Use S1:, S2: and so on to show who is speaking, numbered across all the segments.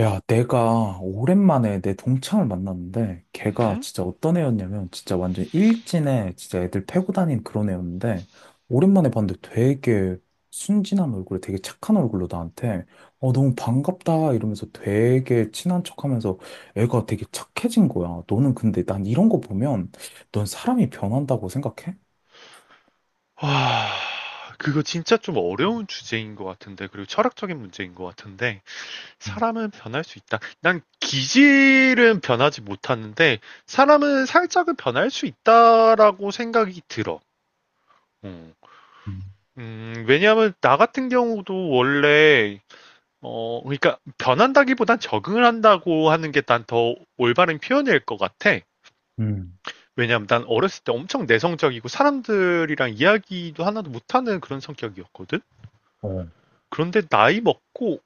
S1: 야, 내가 오랜만에 내 동창을 만났는데, 걔가
S2: 음?
S1: 진짜 어떤 애였냐면, 진짜 완전 일진에 진짜 애들 패고 다닌 그런 애였는데, 오랜만에 봤는데 되게 순진한 얼굴에 되게 착한 얼굴로 나한테, 너무 반갑다 이러면서 되게 친한 척 하면서 애가 되게 착해진 거야. 너는 근데 난 이런 거 보면, 넌 사람이 변한다고 생각해?
S2: 와, 그거 진짜 좀 어려운 주제인 것 같은데, 그리고 철학적인 문제인 것 같은데,
S1: 음,
S2: 사람은 변할 수 있다. 난 기질은 변하지 못하는데, 사람은 살짝은 변할 수 있다라고 생각이 들어. 음,
S1: 음,
S2: 왜냐하면 나 같은 경우도 원래, 그러니까 변한다기보단 적응을 한다고 하는 게 난 더 올바른 표현일 것 같아.
S1: 음,
S2: 왜냐하면 난 어렸을 때 엄청 내성적이고 사람들이랑 이야기도 하나도 못하는 그런 성격이었거든.
S1: 어,
S2: 그런데 나이 먹고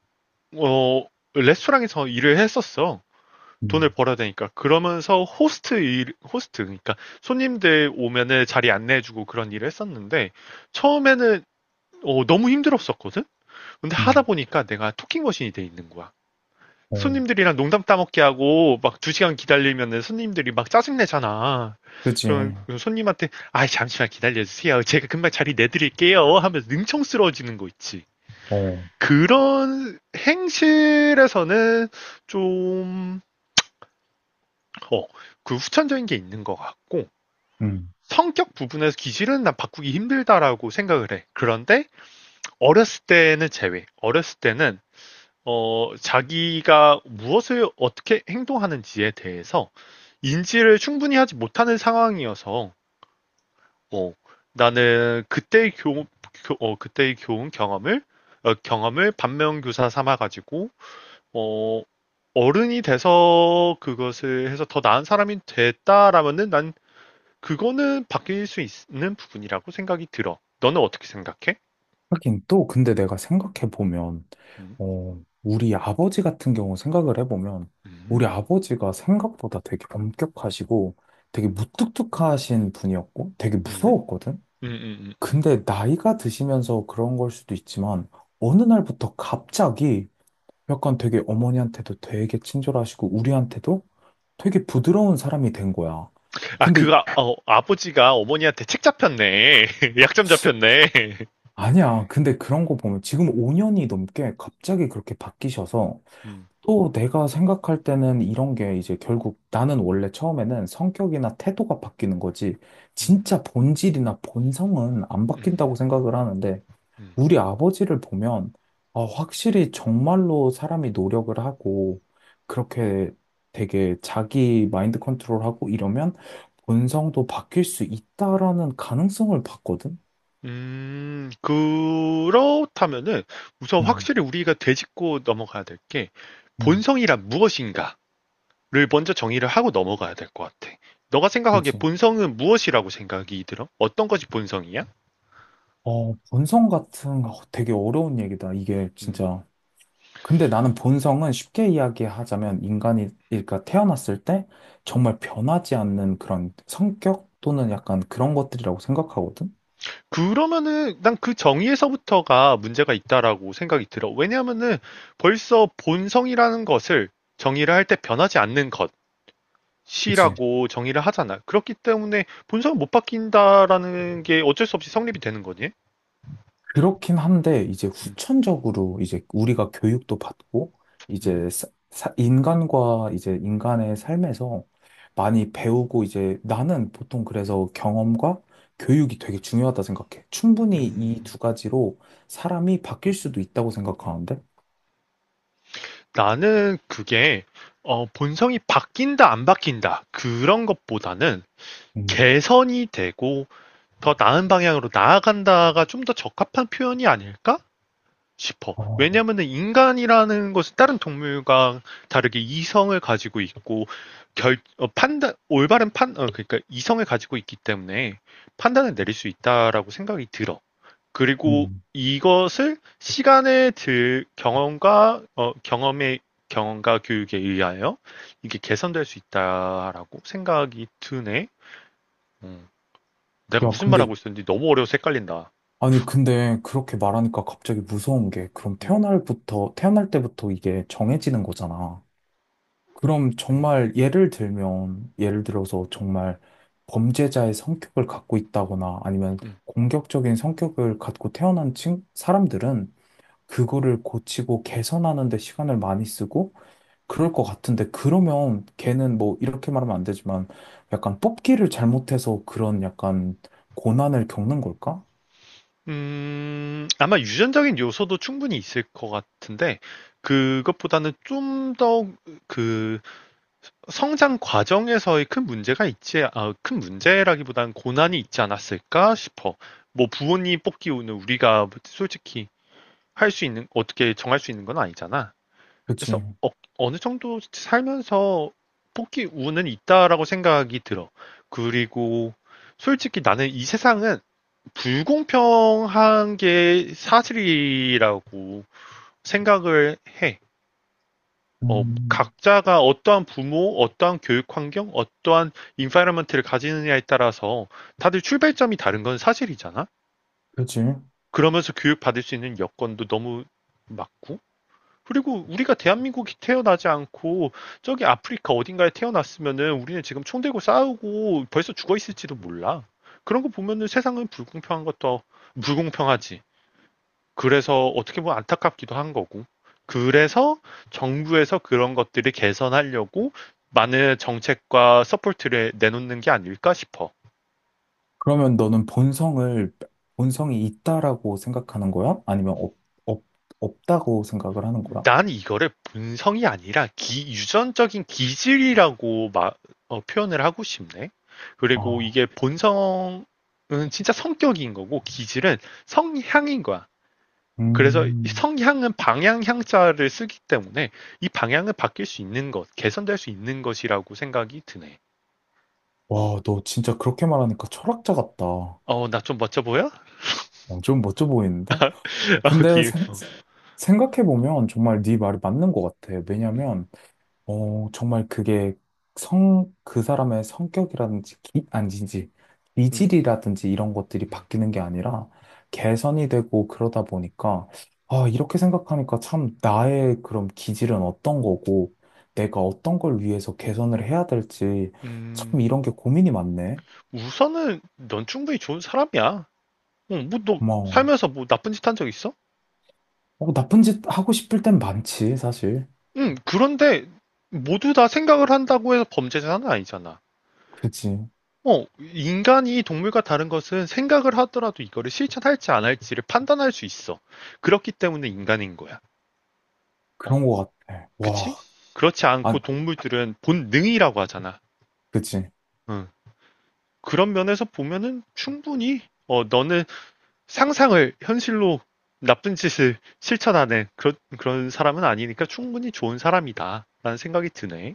S2: 어 레스토랑에서 일을 했었어. 돈을
S1: 음,
S2: 벌어야 되니까. 그러면서 호스트 일, 호스트, 그러니까 손님들 오면은 자리 안내해주고 그런 일을 했었는데, 처음에는 너무 힘들었었거든? 근데 하다
S1: 음,
S2: 보니까 내가 토킹 머신이 돼 있는 거야.
S1: 어,
S2: 손님들이랑 농담 따먹게 하고, 막 두 시간 기다리면은 손님들이 막 짜증내잖아.
S1: 그지,
S2: 그러면 그 손님한테, 아, 잠시만 기다려주세요. 제가 금방 자리 내드릴게요. 하면서 능청스러워지는 거 있지.
S1: 어,
S2: 그런 행실에서는 좀, 어, 그 후천적인 게 있는 것 같고,
S1: 응.
S2: 성격 부분에서 기질은 난 바꾸기 힘들다라고 생각을 해. 그런데 어렸을 때는 제외. 어렸을 때는, 자기가 무엇을 어떻게 행동하는지에 대해서 인지를 충분히 하지 못하는 상황이어서, 어, 나는 그때의 교, 교- 어, 그때의 교훈 경험을, 어, 경험을 반면교사 삼아가지고 어, 어른이 돼서 그것을 해서 더 나은 사람이 됐다라면은 난 그거는 바뀔 수 있는 부분이라고 생각이 들어. 너는 어떻게 생각해?
S1: 하긴 또 근데 내가 생각해 보면
S2: 음,
S1: 우리 아버지 같은 경우 생각을 해 보면
S2: 음,
S1: 우리 아버지가 생각보다 되게 엄격하시고 되게 무뚝뚝하신 분이었고 되게
S2: 음,
S1: 무서웠거든.
S2: 음, 음, 음, 음.
S1: 근데 나이가 드시면서 그런 걸 수도 있지만 어느 날부터 갑자기 약간 되게 어머니한테도 되게 친절하시고 우리한테도 되게 부드러운 사람이 된 거야.
S2: 아, 그,
S1: 근데
S2: 아, 어, 아버지가 어머니한테 책 잡혔네. 약점 잡혔네.
S1: 아니야. 근데 그런 거 보면 지금 5년이 넘게 갑자기 그렇게 바뀌셔서
S2: 음,
S1: 또 내가 생각할 때는 이런 게 이제 결국 나는 원래 처음에는 성격이나 태도가 바뀌는 거지
S2: 음,
S1: 진짜 본질이나 본성은 안
S2: 음,
S1: 바뀐다고 생각을 하는데
S2: 음.
S1: 우리 아버지를 보면 아, 확실히 정말로 사람이 노력을 하고 그렇게 되게 자기 마인드 컨트롤하고 이러면 본성도 바뀔 수 있다라는 가능성을 봤거든.
S2: 그렇다면은 우선
S1: 음,
S2: 확실히 우리가 되짚고 넘어가야 될 게
S1: 음,
S2: 본성이란 무엇인가? 를 먼저 정의를 하고 넘어가야 될 것 같아. 너가 생각하기에
S1: 그지.
S2: 본성은 무엇이라고 생각이 들어? 어떤 것이 본성이야?
S1: 본성 같은 거 되게 어려운 얘기다. 이게
S2: 음.
S1: 진짜. 근데 나는 본성은 쉽게 이야기하자면 인간이, 그러니까 태어났을 때 정말 변하지 않는 그런 성격 또는 약간 그런 것들이라고 생각하거든?
S2: 그러면은 난 그 정의에서부터가 문제가 있다라고 생각이 들어. 왜냐하면은 벌써 본성이라는 것을 정의를 할 때 변하지 않는
S1: 그치?
S2: 것이라고 정의를 하잖아. 그렇기 때문에 본성은 못 바뀐다라는 게 어쩔 수 없이 성립이 되는 거지.
S1: 그렇긴 한데 이제
S2: 음,
S1: 후천적으로 이제 우리가 교육도 받고
S2: 음,
S1: 이제 인간과 이제 인간의 삶에서 많이 배우고 이제 나는 보통 그래서 경험과 교육이 되게 중요하다 생각해. 충분히 이
S2: 음.
S1: 두 가지로 사람이 바뀔 수도 있다고 생각하는데.
S2: 나는 그게 본성이 바뀐다 안 바뀐다 그런 것보다는
S1: 음.
S2: 개선이 되고 더 나은 방향으로 나아간다가 좀 더 적합한 표현이 아닐까 싶어.
S1: 어,
S2: 왜냐면은 인간이라는 것은 다른 동물과 다르게 이성을 가지고 있고 결 어, 판단 올바른 판 어, 그러니까 이성을 가지고 있기 때문에 판단을 내릴 수 있다라고 생각이 들어. 그리고
S1: 음.
S2: 이것을 시간의 들 경험과 어, 경험의 경험과 교육에 의하여 이게 개선될 수 있다라고 생각이 드네. 음. 내가
S1: 야,
S2: 무슨
S1: 근데,
S2: 말하고 있었는지 너무 어려워서 헷갈린다.
S1: 아니, 근데 그렇게 말하니까 갑자기 무서운 게, 그럼
S2: 음,
S1: 태어날부터, 태어날 때부터 이게 정해지는 거잖아. 그럼
S2: 음,
S1: 정말 예를 들면, 예를 들어서 정말 범죄자의 성격을 갖고 있다거나 아니면
S2: 음.
S1: 공격적인 성격을 갖고 태어난 사람들은 그거를 고치고 개선하는 데 시간을 많이 쓰고 그럴 것 같은데, 그러면 걔는 뭐 이렇게 말하면 안 되지만 약간 뽑기를 잘못해서 그런 약간 고난을 겪는 걸까?
S2: 아마 유전적인 요소도 충분히 있을 것 같은데, 그것보다는 좀 더 그 성장 과정에서의 큰 문제가 있지, 아, 큰 문제라기보다는 고난이 있지 않았을까 싶어. 뭐 부모님 뽑기는 우리가 솔직히 할 수 있는, 어떻게 정할 수 있는 건 아니잖아. 그래서
S1: 그치.
S2: 느 정도 살면서 포기 우는 있다라고 생각이 들어. 그리고 솔직히 나는 이 세상은 불공평한 게 사실이라고 생각을 해.
S1: 음,
S2: 각자가 어떠한 부모, 어떠한 교육 환경, 어떠한 인파이러먼트를 가지느냐에 따라서 다들 출발점이 다른 건 사실이잖아.
S1: 그치.
S2: 그러면서 교육받을 수 있는 여건도 너무 맞고 그리고 우리가 대한민국이 태어나지 않고 저기 아프리카 어딘가에 태어났으면은 우리는 지금 총 들고 싸우고 벌써 죽어 있을지도 몰라. 그런 거 보면은 세상은 불공평한 것도 불공평하지. 그래서 어떻게 보면 안타깝기도 한 거고. 그래서 정부에서 그런 것들을 개선하려고 많은 정책과 서포트를 내놓는 게 아닐까 싶어.
S1: 그러면 너는 본성을, 본성이 있다라고 생각하는 거야? 아니면 없, 없다고 생각을 하는 거야?
S2: 난 이거를 본성이 아니라 유전적인 기질이라고 표현을 하고 싶네. 그리고
S1: 아,
S2: 이게 본성은 진짜 성격인 거고 기질은 성향인 거야. 그래서 이
S1: 음.
S2: 성향은 방향 향자를 쓰기 때문에 이 방향은 바뀔 수 있는 것, 개선될 수 있는 것이라고 생각이 드네. 어,
S1: 와, 너 진짜 그렇게 말하니까 철학자 같다. 어,
S2: 나 좀 멋져 보여?
S1: 좀 멋져 보이는데?
S2: 아,
S1: 근데
S2: 기, 어,
S1: 생각해보면 정말 네 말이 맞는 것 같아.
S2: 음,
S1: 왜냐면 정말 그게 그 사람의 성격이라든지,
S2: 음,
S1: 기질이라든지 이런 것들이 바뀌는 게 아니라 개선이 되고 그러다 보니까, 아, 이렇게 생각하니까 참 나의 그럼 기질은 어떤 거고, 내가 어떤 걸 위해서 개선을 해야 될지, 참
S2: 음,
S1: 이런 게 고민이 많네.
S2: 우선은 넌 충분히 좋은 사람이야. 뭐너
S1: 고마워.
S2: 살면서 뭐 나쁜 짓 한 적 있어?
S1: 어, 나쁜 짓 하고 싶을 땐 많지, 사실.
S2: 응, 그런데 모두 다 생각을 한다고 해서 범죄자는 아니잖아.
S1: 그지.
S2: 인간이 동물과 다른 것은 생각을 하더라도 이거를 실천할지 안 할지를 판단할 수 있어. 그렇기 때문에 인간인 거야. 어,
S1: 그런 거 같아.
S2: 그치?
S1: 와,
S2: 그렇지 않고
S1: 아,
S2: 동물들은 본능이라고 하잖아.
S1: 그지.
S2: 응. 그런 면에서 보면은 충분히, 너는 상상을 현실로 나쁜 짓을 실천하는 그런, 그런 사람은 아니니까 충분히 좋은 사람이다. 라는 생각이 드네.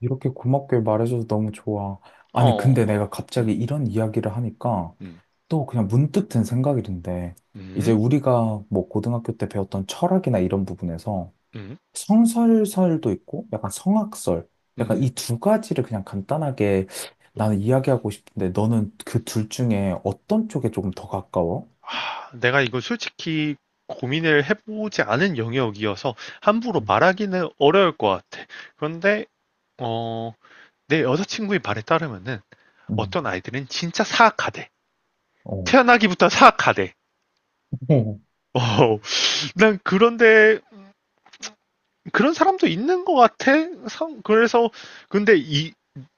S1: 이렇게 고맙게 말해줘서 너무 좋아. 아니, 근데 내가
S2: 어,
S1: 갑자기 이런 이야기를 하니까
S2: 음,
S1: 또 그냥 문득 든 생각인데, 이제
S2: 음.
S1: 우리가 뭐 고등학교 때 배웠던 철학이나 이런 부분에서
S2: 음,
S1: 성설설도 있고, 약간 성악설, 약간
S2: 음.
S1: 이 두 가지를 그냥 간단하게 나는 이야기하고 싶은데, 너는 그 둘 중에 어떤 쪽에 조금 더 가까워?
S2: 아, 내가 이거 솔직히 고민을 해보지 않은 영역이어서 함부로
S1: 음.
S2: 말하기는 어려울 것 같아. 그런데, 어, 내 여자친구의 말에 따르면은
S1: 음,
S2: 어떤 아이들은 진짜 사악하대.
S1: 어.
S2: 태어나기부터 사악하대. 어, 난 그런데, 그런 사람도 있는 것 같아. 그래서, 근데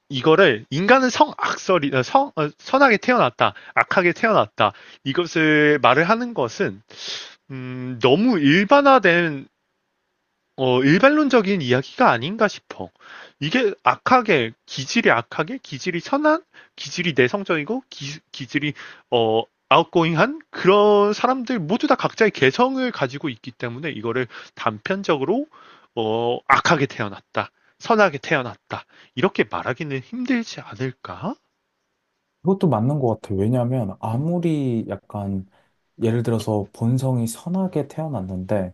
S2: 이거를 인간은 성악설이, 어, 성, 어, 선하게 태어났다. 악하게 태어났다. 이것을 말을 하는 것은 너무 일반화된 일반론적인 이야기가 아닌가 싶어. 기질이 악하게, 기질이 선한, 기질이 내성적이고, 기질이, 어, 아웃고잉한 그런 사람들 모두 다 각자의 개성을 가지고 있기 때문에 이거를 단편적으로, 악하게 태어났다. 선하게 태어났다. 이렇게 말하기는 힘들지 않을까?
S1: 그것도 맞는 것 같아요. 왜냐하면
S2: 음,
S1: 아무리 약간 예를 들어서 본성이 선하게 태어났는데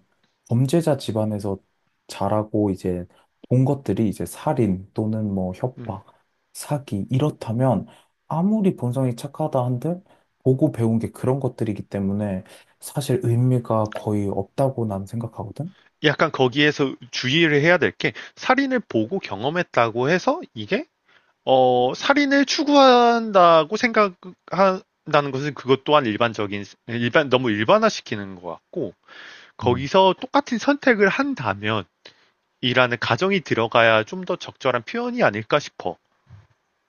S1: 범죄자 집안에서 자라고 이제 본 것들이 이제 살인 또는 뭐
S2: 음.
S1: 협박, 사기 이렇다면 아무리 본성이 착하다 한들 보고 배운 게 그런 것들이기 때문에 사실 의미가 거의 없다고 난 생각하거든.
S2: 약간 거기에서 주의를 해야 될 게, 살인을 보고 경험했다고 해서 이게 살인을 추구한다고 생각한다는 것은 그것 또한 일반적인, 너무 일반화시키는 것 같고,
S1: 음.
S2: 거기서 똑같은 선택을 한다면, 이라는 가정이 들어가야 좀 더 적절한 표현이 아닐까 싶어.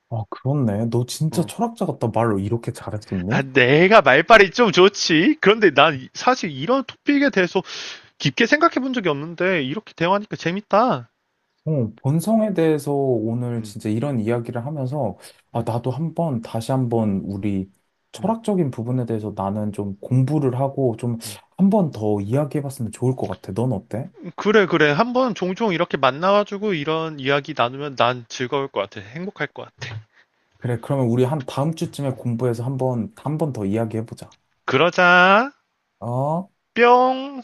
S1: 아, 그렇네. 너 진짜
S2: 응.
S1: 철학자 같다. 말로 이렇게 잘했었니?
S2: 아, 내가 말빨이 좀 좋지. 그런데 난 사실 이런 토픽에 대해서 깊게 생각해 본 적이 없는데, 이렇게 대화하니까 재밌다.
S1: 본성에 대해서 오늘
S2: 음,
S1: 진짜 이런 이야기를 하면서, 아,
S2: 음,
S1: 나도 한번, 다시 한번 우리
S2: 음,
S1: 철학적인 부분에 대해서 나는 좀 공부를 하고 좀
S2: 음.
S1: 한번 더 이야기해봤으면 좋을 것 같아. 넌 어때?
S2: 그래, 그래. 한번 종종 이렇게 만나가지고 이런 이야기 나누면 난 즐거울 것 같아. 행복할 것 같아.
S1: 그래, 그러면 우리 한 다음 주쯤에 공부해서 한번, 한번 더 이야기해보자.
S2: 그러자.
S1: 어?
S2: 뿅!